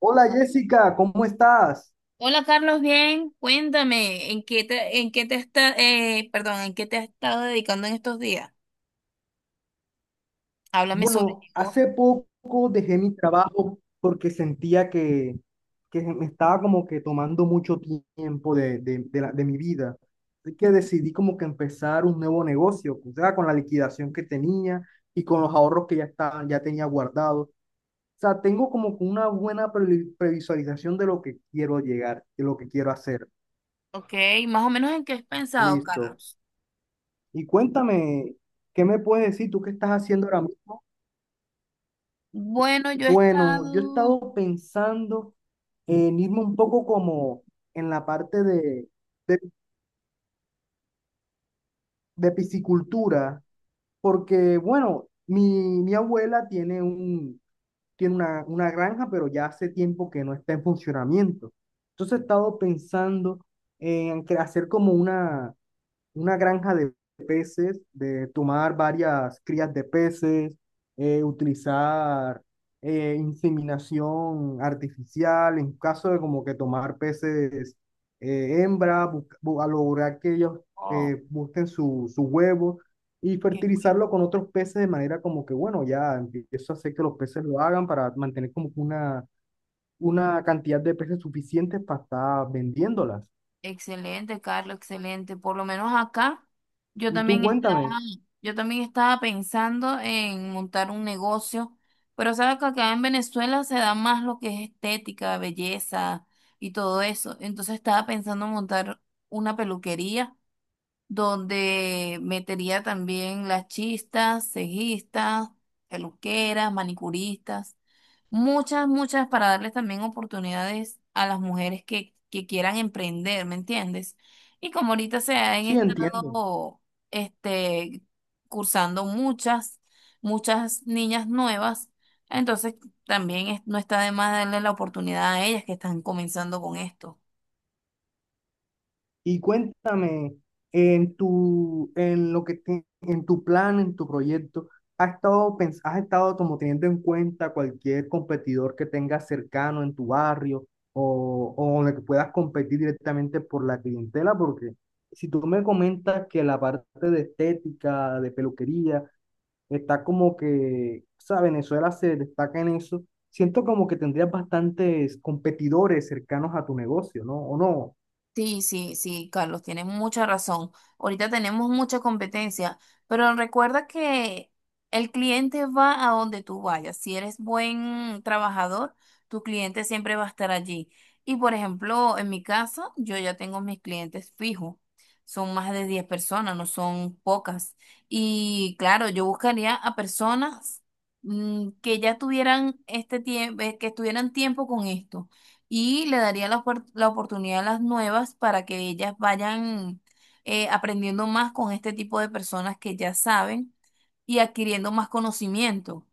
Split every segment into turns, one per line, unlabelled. Hola Jessica, ¿cómo estás?
Hola Carlos, bien, cuéntame, ¿en qué te, en qué te has estado dedicando en estos días? Háblame sobre ti
Bueno,
vos.
hace poco dejé mi trabajo porque sentía que me estaba como que tomando mucho tiempo de mi vida. Así que decidí como que empezar un nuevo negocio, o sea, con la liquidación que tenía y con los ahorros que ya estaban, ya tenía guardados. O sea, tengo como que una buena previsualización de lo que quiero llegar, de lo que quiero hacer.
Ok, más o menos en qué has pensado,
Listo.
Carlos.
Y cuéntame, ¿qué me puedes decir tú qué estás haciendo ahora mismo?
Bueno, yo he
Bueno, yo he
estado,
estado pensando en irme un poco como en la parte de, de piscicultura, porque bueno, mi abuela tiene una granja, pero ya hace tiempo que no está en funcionamiento. Entonces he estado pensando en hacer como una granja de peces, de tomar varias crías de peces, utilizar inseminación artificial, en caso de como que tomar peces hembra, a lograr que ellos
oh,
busquen su huevo y
qué bueno.
fertilizarlo con otros peces de manera como que, bueno, ya empiezo a hacer que los peces lo hagan para mantener como que una cantidad de peces suficientes para estar vendiéndolas.
Excelente, Carlos, excelente. Por lo menos acá, yo
Y tú
también estaba,
cuéntame,
yo también estaba pensando en montar un negocio, pero sabes que acá en Venezuela se da más lo que es estética, belleza y todo eso. Entonces estaba pensando en montar una peluquería donde metería también las chistas, cejistas, peluqueras, manicuristas, muchas, muchas para darles también oportunidades a las mujeres que quieran emprender, ¿me entiendes? Y como ahorita se han
sí entiendo.
estado este, cursando muchas, muchas niñas nuevas, entonces también no está de más darle la oportunidad a ellas que están comenzando con esto.
Y cuéntame, en tu plan, en tu proyecto, has estado como teniendo en cuenta cualquier competidor que tengas cercano en tu barrio o con el que puedas competir directamente por la clientela? Porque si tú me comentas que la parte de estética, de peluquería, está como que, o sea, Venezuela se destaca en eso, siento como que tendrías bastantes competidores cercanos a tu negocio, ¿no? ¿O no?
Sí, sí, sí, Carlos, tienes mucha razón. Ahorita tenemos mucha competencia, pero recuerda que el cliente va a donde tú vayas. Si eres buen trabajador, tu cliente siempre va a estar allí. Y por ejemplo, en mi caso, yo ya tengo mis clientes fijos. Son más de 10 personas, no son pocas. Y claro, yo buscaría a personas que ya tuvieran este tiempo, que estuvieran tiempo con esto y le daría la oportunidad a las nuevas para que ellas vayan aprendiendo más con este tipo de personas que ya saben y adquiriendo más conocimiento.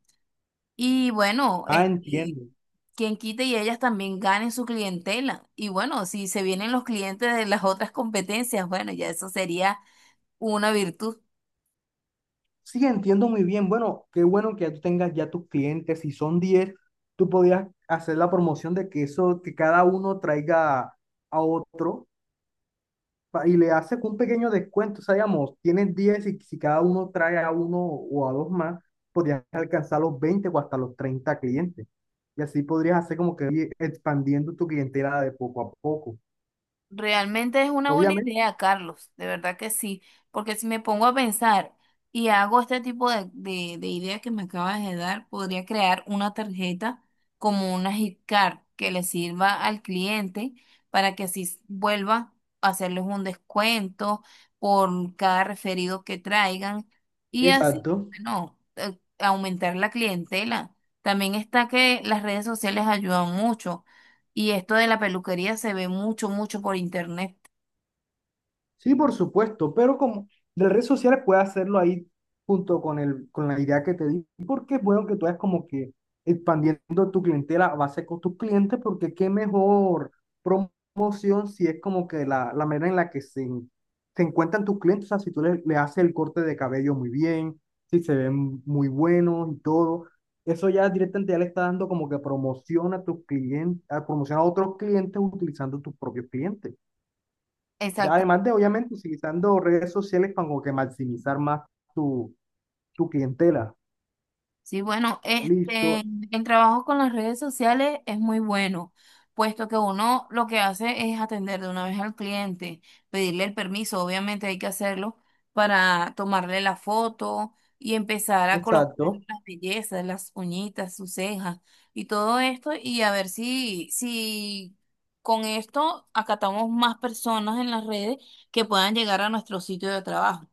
Y bueno,
Ah,
este,
entiendo.
quien quite y ellas también ganen su clientela. Y bueno, si se vienen los clientes de las otras competencias, bueno, ya eso sería una virtud.
Sí, entiendo muy bien. Bueno, qué bueno que ya tú tengas ya tus clientes. Si son 10. Tú podías hacer la promoción de que eso, que cada uno traiga a otro y le haces un pequeño descuento. O sea, digamos, tienes 10 y si cada uno trae a uno o a dos más, podrías alcanzar los 20 o hasta los 30 clientes. Y así podrías hacer como que ir expandiendo tu clientela de poco a poco.
Realmente es una buena
Obviamente.
idea, Carlos, de verdad que sí, porque si me pongo a pensar y hago este tipo de ideas que me acabas de dar, podría crear una tarjeta como una gift card que le sirva al cliente para que así vuelva a hacerles un descuento por cada referido que traigan y así,
Exacto.
bueno, aumentar la clientela. También está que las redes sociales ayudan mucho y esto de la peluquería se ve mucho, mucho por internet.
Sí, por supuesto, pero como de las redes sociales puedes hacerlo ahí junto con la idea que te di, porque es bueno que tú es como que expandiendo tu clientela a base con tus clientes, porque qué mejor promoción si es como que la manera en la que se encuentran tus clientes, o sea, si tú le haces el corte de cabello muy bien, si se ven muy buenos y todo, eso ya directamente ya le está dando como que promoción a tus clientes, promoción a otros clientes utilizando tus propios clientes. Ya
Exacto.
además de, obviamente, utilizando redes sociales para como que maximizar más tu, tu clientela.
Sí, bueno, este,
Listo,
el trabajo con las redes sociales es muy bueno, puesto que uno lo que hace es atender de una vez al cliente, pedirle el permiso, obviamente hay que hacerlo para tomarle la foto y empezar a colocar
exacto.
las bellezas, las uñitas, sus cejas y todo esto y a ver si con esto acatamos más personas en las redes que puedan llegar a nuestro sitio de trabajo.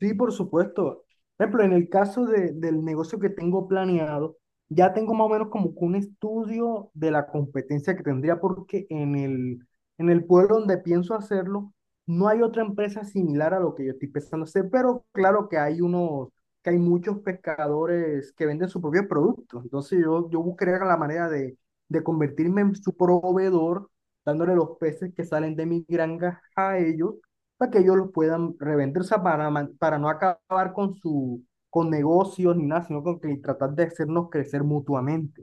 Sí, por supuesto. Por ejemplo, en el caso del negocio que tengo planeado, ya tengo más o menos como que un estudio de la competencia que tendría, porque en el pueblo donde pienso hacerlo, no hay otra empresa similar a lo que yo estoy pensando hacer, pero claro que hay muchos pescadores que venden sus propios productos. Entonces yo buscaría la manera de convertirme en su proveedor, dándole los peces que salen de mi granja a ellos para que ellos los puedan revender, o sea, para no acabar con su con negocios ni nada, sino con que tratar de hacernos crecer mutuamente.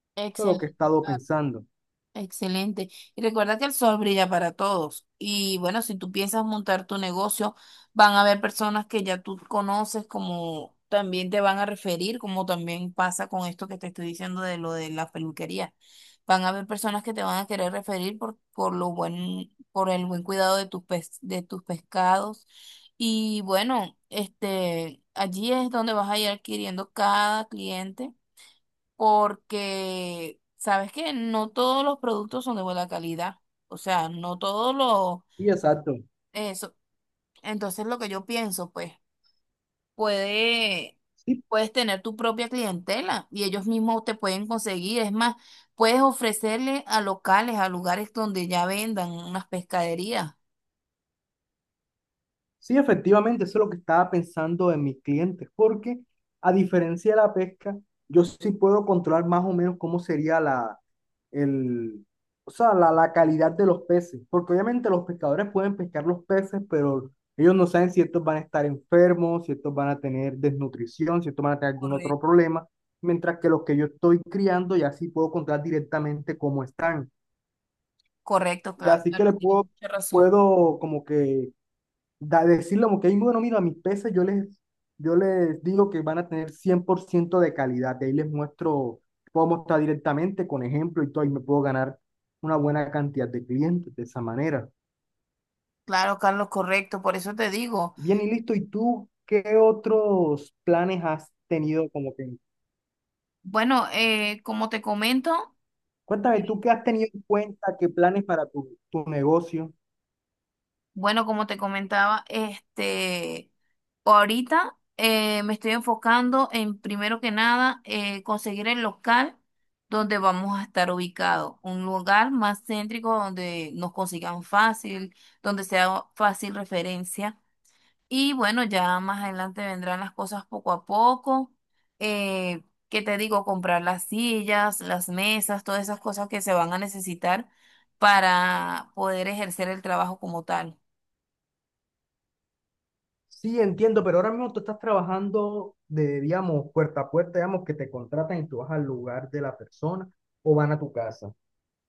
Eso es lo que he
Excelente,
estado
claro,
pensando.
excelente. Y recuerda que el sol brilla para todos. Y bueno, si tú piensas montar tu negocio, van a haber personas que ya tú conoces, como también te van a referir, como también pasa con esto que te estoy diciendo de lo de la peluquería. Van a haber personas que te van a querer referir por por el buen cuidado de de tus pescados. Y bueno, este, allí es donde vas a ir adquiriendo cada cliente porque sabes que no todos los productos son de buena calidad, o sea, no todos los
Y exacto.
eso. Entonces lo que yo pienso, pues, puede,
Sí,
puedes tener tu propia clientela y ellos mismos te pueden conseguir. Es más, puedes ofrecerle a locales, a lugares donde ya vendan unas pescaderías.
sí, efectivamente, eso es lo que estaba pensando en mis clientes, porque a diferencia de la pesca, yo sí puedo controlar más o menos cómo sería el, o sea, la calidad de los peces, porque obviamente los pescadores pueden pescar los peces, pero ellos no saben si estos van a estar enfermos, si estos van a tener desnutrición, si estos van a tener algún otro
Correcto.
problema, mientras que los que yo estoy criando ya sí puedo controlar directamente cómo están,
Correcto,
ya sí que le
Carlos, tienes
puedo,
mucha razón.
puedo como que decirle como que, "Ay, bueno, mira, mis peces yo les digo que van a tener 100% de calidad, de ahí les muestro, puedo mostrar directamente con ejemplo y todo, y me puedo ganar una buena cantidad de clientes de esa manera.
Claro, Carlos, correcto, por eso te digo.
Bien y listo, ¿y tú qué otros planes has tenido como que,
Bueno, eh, como te comento,
cuéntame tú qué has tenido en cuenta, qué planes para tu negocio?
Bueno, como te comentaba, este, ahorita me estoy enfocando en, primero que nada, conseguir el local donde vamos a estar ubicados. Un lugar más céntrico donde nos consigan fácil, donde sea fácil referencia. Y bueno, ya más adelante vendrán las cosas poco a poco. Eh, ¿Qué te digo? Comprar las sillas, las mesas, todas esas cosas que se van a necesitar para poder ejercer el trabajo como tal.
Sí, entiendo, pero ahora mismo tú estás trabajando de, digamos, puerta a puerta, digamos, que te contratan y tú vas al lugar de la persona o van a tu casa.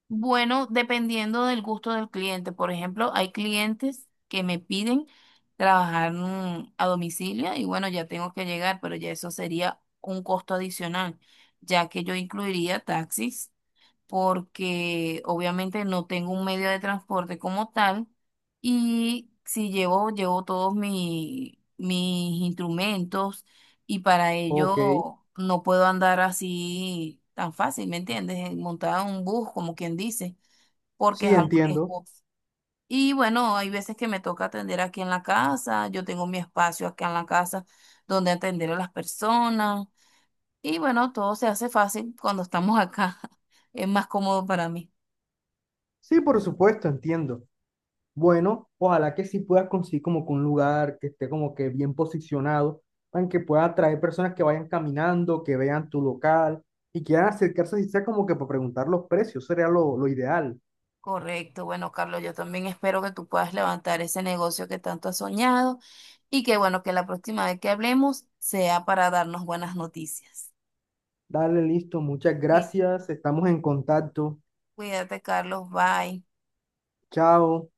Bueno, dependiendo del gusto del cliente. Por ejemplo, hay clientes que me piden trabajar a domicilio y bueno, ya tengo que llegar, pero ya eso sería un costo adicional, ya que yo incluiría taxis porque obviamente no tengo un medio de transporte como tal y si llevo todos mis instrumentos y para
Ok,
ello no puedo andar así tan fácil, ¿me entiendes? Montada en un bus, como quien dice, porque es
sí,
algo
entiendo.
riesgoso. Y bueno, hay veces que me toca atender aquí en la casa, yo tengo mi espacio acá en la casa donde atender a las personas y bueno, todo se hace fácil cuando estamos acá, es más cómodo para mí.
Sí, por supuesto, entiendo. Bueno, ojalá que sí puedas conseguir como que un lugar que esté como que bien posicionado, para que pueda atraer personas que vayan caminando, que vean tu local y quieran acercarse, si sea como que para preguntar los precios, sería lo ideal.
Correcto. Bueno, Carlos, yo también espero que tú puedas levantar ese negocio que tanto has soñado y que bueno, que la próxima vez que hablemos sea para darnos buenas noticias.
Dale, listo, muchas
Sí.
gracias, estamos en contacto.
Cuídate, Carlos. Bye.
Chao.